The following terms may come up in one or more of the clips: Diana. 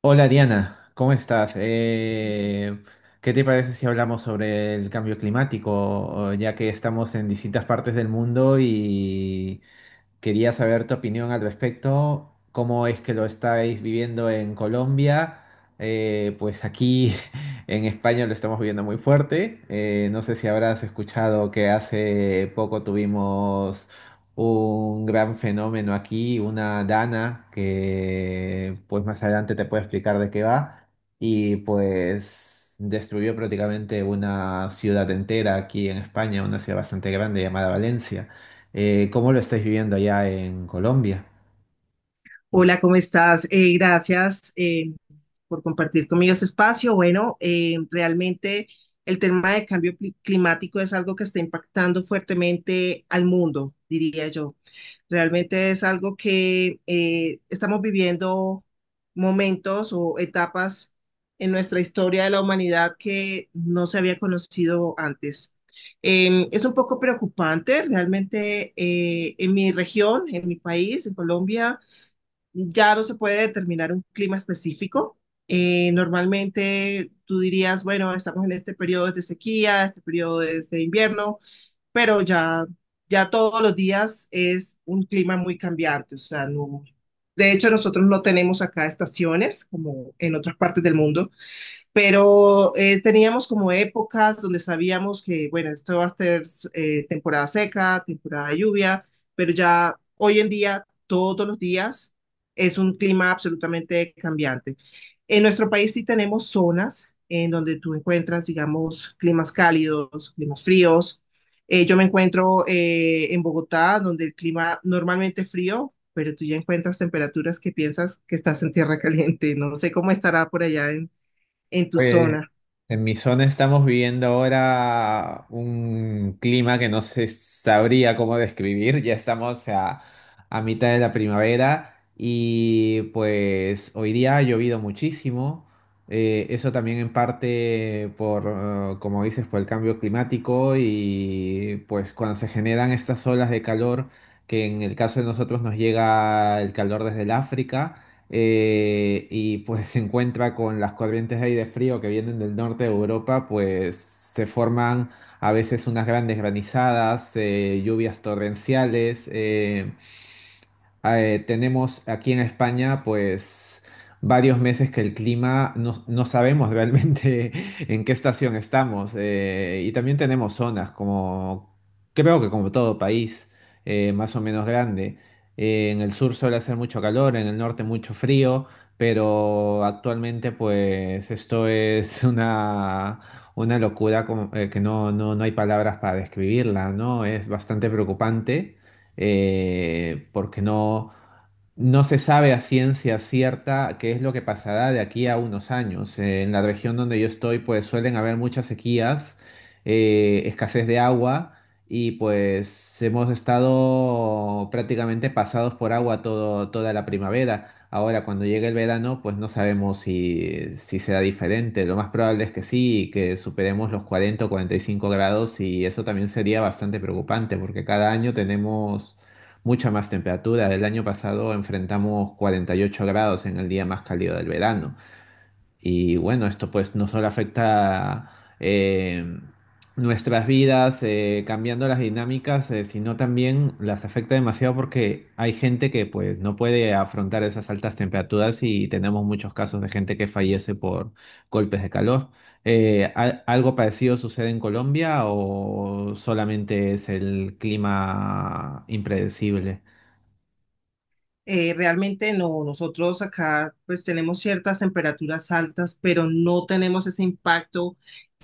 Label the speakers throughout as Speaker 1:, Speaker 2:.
Speaker 1: Hola Diana, ¿cómo estás? ¿Qué te parece si hablamos sobre el cambio climático, ya que estamos en distintas partes del mundo quería saber tu opinión al respecto, cómo es que lo estáis viviendo en Colombia. Pues aquí en España lo estamos viviendo muy fuerte. No sé si habrás escuchado que hace poco tuvimos un gran fenómeno aquí, una dana, que pues más adelante te puedo explicar de qué va. Y pues destruyó prácticamente una ciudad entera aquí en España, una ciudad bastante grande llamada Valencia. ¿Cómo lo estáis viviendo allá en Colombia?
Speaker 2: Hola, ¿cómo estás? Gracias por compartir conmigo este espacio. Bueno, realmente el tema de cambio climático es algo que está impactando fuertemente al mundo, diría yo. Realmente es algo que estamos viviendo momentos o etapas en nuestra historia de la humanidad que no se había conocido antes. Es un poco preocupante, realmente en mi región, en mi país, en Colombia ya no se puede determinar un clima específico. Normalmente tú dirías, bueno, estamos en este periodo es de sequía, este periodo es de invierno, pero ya todos los días es un clima muy cambiante. O sea, no, de hecho, nosotros no tenemos acá estaciones como en otras partes del mundo, pero teníamos como épocas donde sabíamos que, bueno, esto va a ser temporada seca, temporada de lluvia, pero ya hoy en día, todos los días, es un clima absolutamente cambiante. En nuestro país sí tenemos zonas en donde tú encuentras, digamos, climas cálidos, climas fríos. Yo me encuentro en Bogotá, donde el clima normalmente es frío, pero tú ya encuentras temperaturas que piensas que estás en tierra caliente. No sé cómo estará por allá en tu
Speaker 1: Pues
Speaker 2: zona.
Speaker 1: en mi zona estamos viviendo ahora un clima que no se sabría cómo describir. Ya estamos a, mitad de la primavera y pues hoy día ha llovido muchísimo. Eso también en parte por, como dices, por el cambio climático y pues cuando se generan estas olas de calor, que en el caso de nosotros nos llega el calor desde el África, y pues se encuentra con las corrientes de aire frío que vienen del norte de Europa. Pues se forman a veces unas grandes granizadas, lluvias torrenciales. Tenemos aquí en España, pues, varios meses que el clima no, no sabemos realmente en qué estación estamos. Y también tenemos zonas como, creo que como todo país, más o menos grande. En el sur suele hacer mucho calor, en el norte mucho frío, pero actualmente, pues, esto es una locura que no, no, no hay palabras para describirla, ¿no? Es bastante preocupante, porque no, no se sabe a ciencia cierta qué es lo que pasará de aquí a unos años. En la región donde yo estoy, pues suelen haber muchas sequías, escasez de agua y pues hemos estado prácticamente pasados por agua toda la primavera. Ahora, cuando llegue el verano, pues no sabemos si, si será diferente. Lo más probable es que sí, que superemos los 40 o 45 grados y eso también sería bastante preocupante porque cada año tenemos mucha más temperatura. El año pasado enfrentamos 48 grados en el día más cálido del verano. Y bueno, esto pues no solo afecta eh, nuestras vidas, cambiando las dinámicas, sino también las afecta demasiado porque hay gente que pues no puede afrontar esas altas temperaturas y tenemos muchos casos de gente que fallece por golpes de calor. ¿Algo parecido sucede en Colombia o solamente es el clima impredecible?
Speaker 2: Realmente no, nosotros acá pues tenemos ciertas temperaturas altas, pero no tenemos ese impacto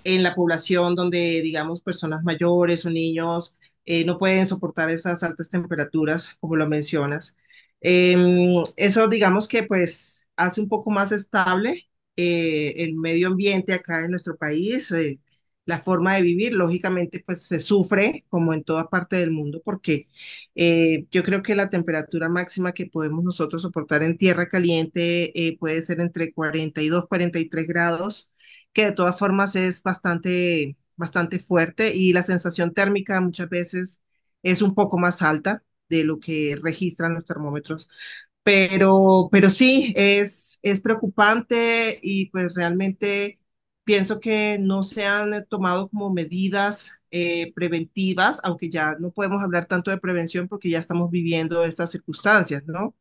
Speaker 2: en la población donde, digamos, personas mayores o niños no pueden soportar esas altas temperaturas, como lo mencionas. Eso, digamos que pues hace un poco más estable el medio ambiente acá en nuestro país, la forma de vivir, lógicamente pues se sufre como en toda parte del mundo porque yo creo que la temperatura máxima que podemos nosotros soportar en tierra caliente puede ser entre 42, 43 grados, que de todas formas es bastante, bastante fuerte y la sensación térmica muchas veces es un poco más alta de lo que registran los termómetros, pero sí, es preocupante y pues realmente pienso que no se han tomado como medidas preventivas, aunque ya no podemos hablar tanto de prevención porque ya estamos viviendo estas circunstancias, ¿no?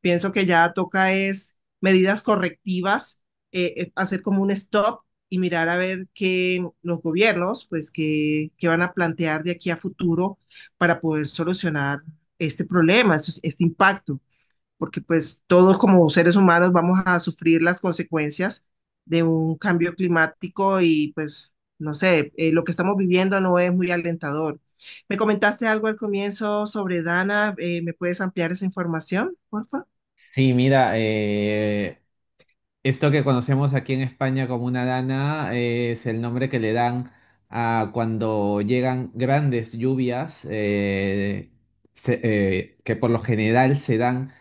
Speaker 2: Pienso que ya toca es medidas correctivas, hacer como un stop y mirar a ver qué los gobiernos, pues, qué, qué van a plantear de aquí a futuro para poder solucionar este problema, este impacto porque pues todos como seres humanos vamos a sufrir las consecuencias de un cambio climático y pues no sé, lo que estamos viviendo no es muy alentador. Me comentaste algo al comienzo sobre Dana, ¿me puedes ampliar esa información, por favor?
Speaker 1: Sí, mira, esto que conocemos aquí en España como una dana es el nombre que le dan a cuando llegan grandes lluvias, que por lo general se dan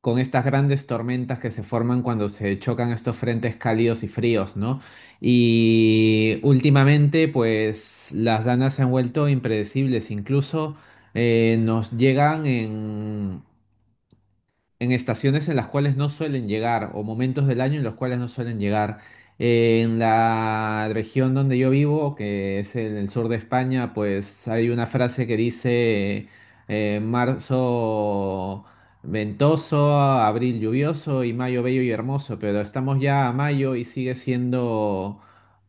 Speaker 1: con estas grandes tormentas que se forman cuando se chocan estos frentes cálidos y fríos, ¿no? Y últimamente, pues las danas se han vuelto impredecibles, incluso nos llegan en estaciones en las cuales no suelen llegar o momentos del año en los cuales no suelen llegar. En la región donde yo vivo, que es en el sur de España, pues hay una frase que dice, marzo ventoso, abril lluvioso y mayo bello y hermoso, pero estamos ya a mayo y sigue siendo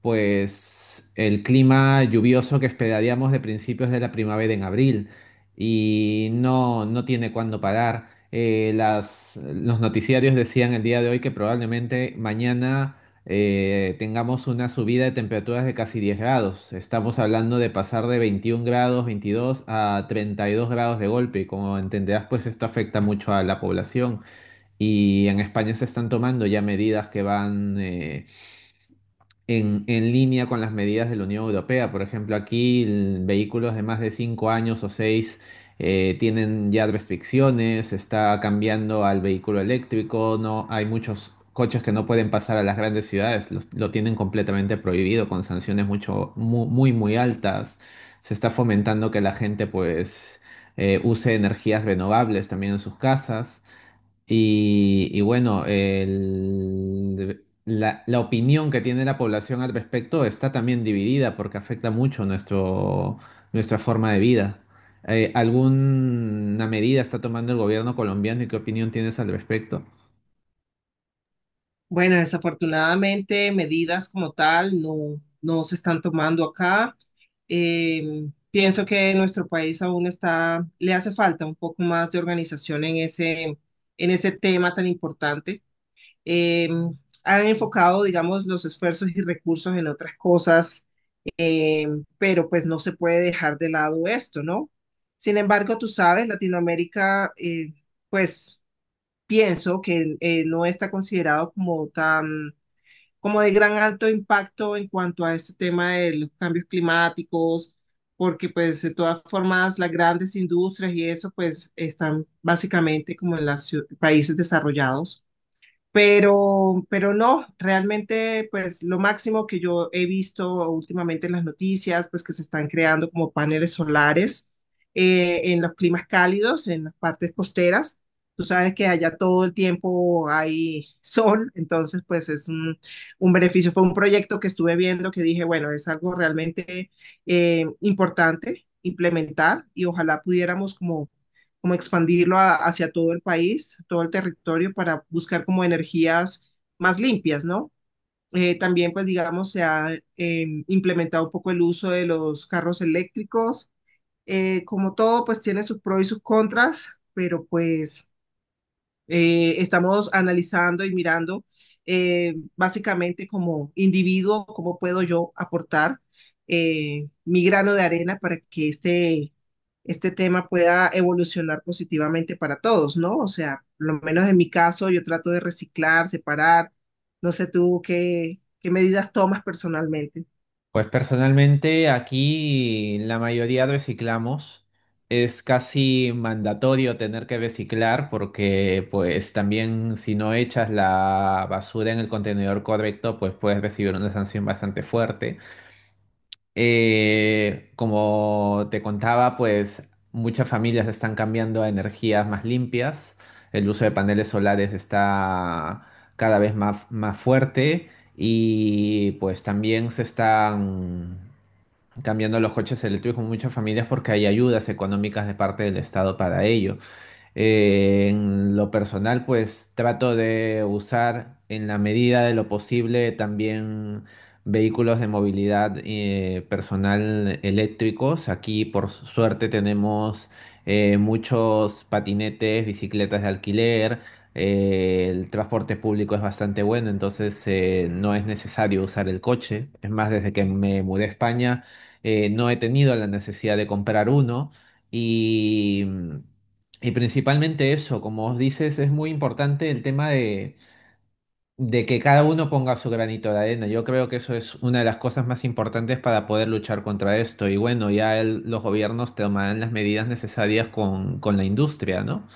Speaker 1: pues el clima lluvioso que esperaríamos de principios de la primavera en abril y no, no tiene cuándo parar. Las, los noticiarios decían el día de hoy que probablemente mañana tengamos una subida de temperaturas de casi 10 grados. Estamos hablando de pasar de 21 grados, 22 a 32 grados de golpe. Y como entenderás, pues esto afecta mucho a la población. Y en España se están tomando ya medidas que van... en línea con las medidas de la Unión Europea. Por ejemplo, aquí vehículos de más de 5 años o 6 tienen ya restricciones, está cambiando al vehículo eléctrico, no hay muchos coches que no pueden pasar a las grandes ciudades, lo tienen completamente prohibido con sanciones muy, muy, altas. Se está fomentando que la gente pues use energías renovables también en sus casas. Y bueno, la, la opinión que tiene la población al respecto está también dividida porque afecta mucho nuestro, nuestra forma de vida. ¿Alguna medida está tomando el gobierno colombiano y qué opinión tienes al respecto?
Speaker 2: Bueno, desafortunadamente medidas como tal no, no se están tomando acá. Pienso que nuestro país aún le hace falta un poco más de organización en en ese tema tan importante. Eh, Han enfocado, digamos, los esfuerzos y recursos en otras cosas, eh, pero pues no se puede dejar de lado esto, ¿no? Sin embargo, tú sabes, Latinoamérica, pues pienso que no está considerado como tan como de gran alto impacto en cuanto a este tema de los cambios climáticos, porque pues de todas formas las grandes industrias y eso pues están básicamente como en los países desarrollados. Pero no, realmente, pues lo máximo que yo he visto últimamente en las noticias, pues que se están creando como paneles solares en los climas cálidos, en las partes costeras. Tú sabes que allá todo el tiempo hay sol, entonces pues es un beneficio. Fue un proyecto que estuve viendo que dije, bueno, es algo realmente importante implementar y ojalá pudiéramos como expandirlo hacia todo el país, todo el territorio, para buscar como energías más limpias, ¿no? También, pues, digamos, se ha implementado un poco el uso de los carros eléctricos. Como todo, pues tiene sus pros y sus contras, pero pues estamos analizando y mirando básicamente como individuo, cómo puedo yo aportar mi grano de arena para que este tema pueda evolucionar positivamente para todos, ¿no? O sea, por lo menos en mi caso, yo trato de reciclar, separar. No sé tú qué, qué medidas tomas personalmente.
Speaker 1: Pues personalmente aquí la mayoría reciclamos. Es casi mandatorio tener que reciclar porque pues también si no echas la basura en el contenedor correcto pues puedes recibir una sanción bastante fuerte. Como te contaba, pues muchas familias están cambiando a energías más limpias. El uso de paneles solares está cada vez más, más fuerte y pues también se están cambiando los coches eléctricos con muchas familias porque hay ayudas económicas de parte del Estado para ello. En lo personal, pues trato de usar en la medida de lo posible también vehículos de movilidad personal eléctricos. Aquí, por suerte, tenemos muchos patinetes, bicicletas de alquiler. El transporte público es bastante bueno, entonces no es necesario usar el coche. Es más, desde que me mudé a España, no he tenido la necesidad de comprar uno. Y y principalmente eso, como os dices, es muy importante el tema de que cada uno ponga su granito de arena. Yo creo que eso es una de las cosas más importantes para poder luchar contra esto. Y bueno, ya los gobiernos tomarán las medidas necesarias con la industria, ¿no?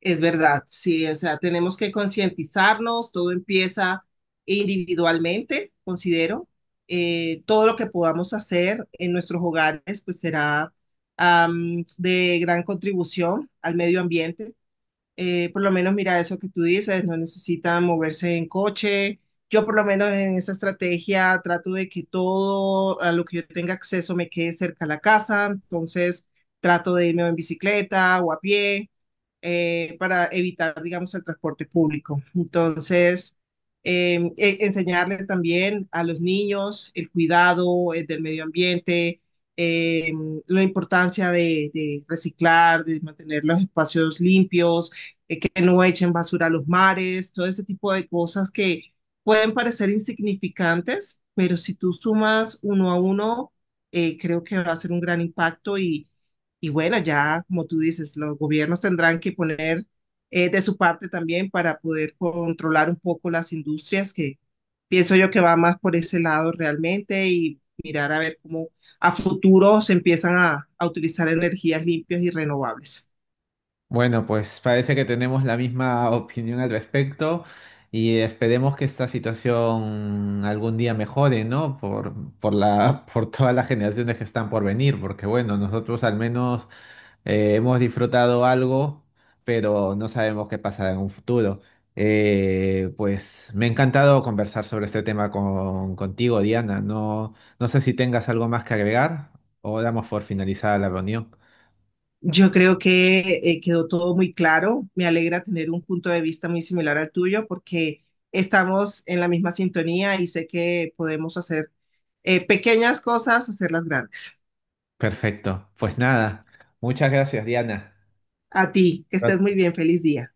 Speaker 2: Es verdad, sí, o sea, tenemos que concientizarnos, todo empieza individualmente, considero. Todo lo que podamos hacer en nuestros hogares, pues será de gran contribución al medio ambiente. Por lo menos, mira eso que tú dices, no necesitan moverse en coche. Yo por lo menos en esa estrategia trato de que todo a lo que yo tenga acceso me quede cerca a la casa, entonces trato de irme en bicicleta o a pie para evitar, digamos, el transporte público. Entonces, enseñarles también a los niños el cuidado del medio ambiente, eh, la importancia de reciclar, de mantener los espacios limpios, que no echen basura a los mares, todo ese tipo de cosas que pueden parecer insignificantes, pero si tú sumas uno a uno, creo que va a ser un gran impacto y bueno, ya como tú dices, los gobiernos tendrán que poner de su parte también para poder controlar un poco las industrias, que pienso yo que va más por ese lado realmente y mirar a ver cómo a futuro se empiezan a utilizar energías limpias y renovables.
Speaker 1: Bueno, pues parece que tenemos la misma opinión al respecto y esperemos que esta situación algún día mejore, ¿no? Por todas las generaciones que están por venir, porque bueno, nosotros al menos hemos disfrutado algo, pero no sabemos qué pasará en un futuro. Pues me ha encantado conversar sobre este tema contigo, Diana. No, no sé si tengas algo más que agregar o damos por finalizada la reunión.
Speaker 2: Yo creo que quedó todo muy claro. Me alegra tener un punto de vista muy similar al tuyo porque estamos en la misma sintonía y sé que podemos hacer pequeñas cosas, hacerlas grandes.
Speaker 1: Perfecto. Pues nada, muchas gracias, Diana.
Speaker 2: A ti, que estés muy bien, feliz día.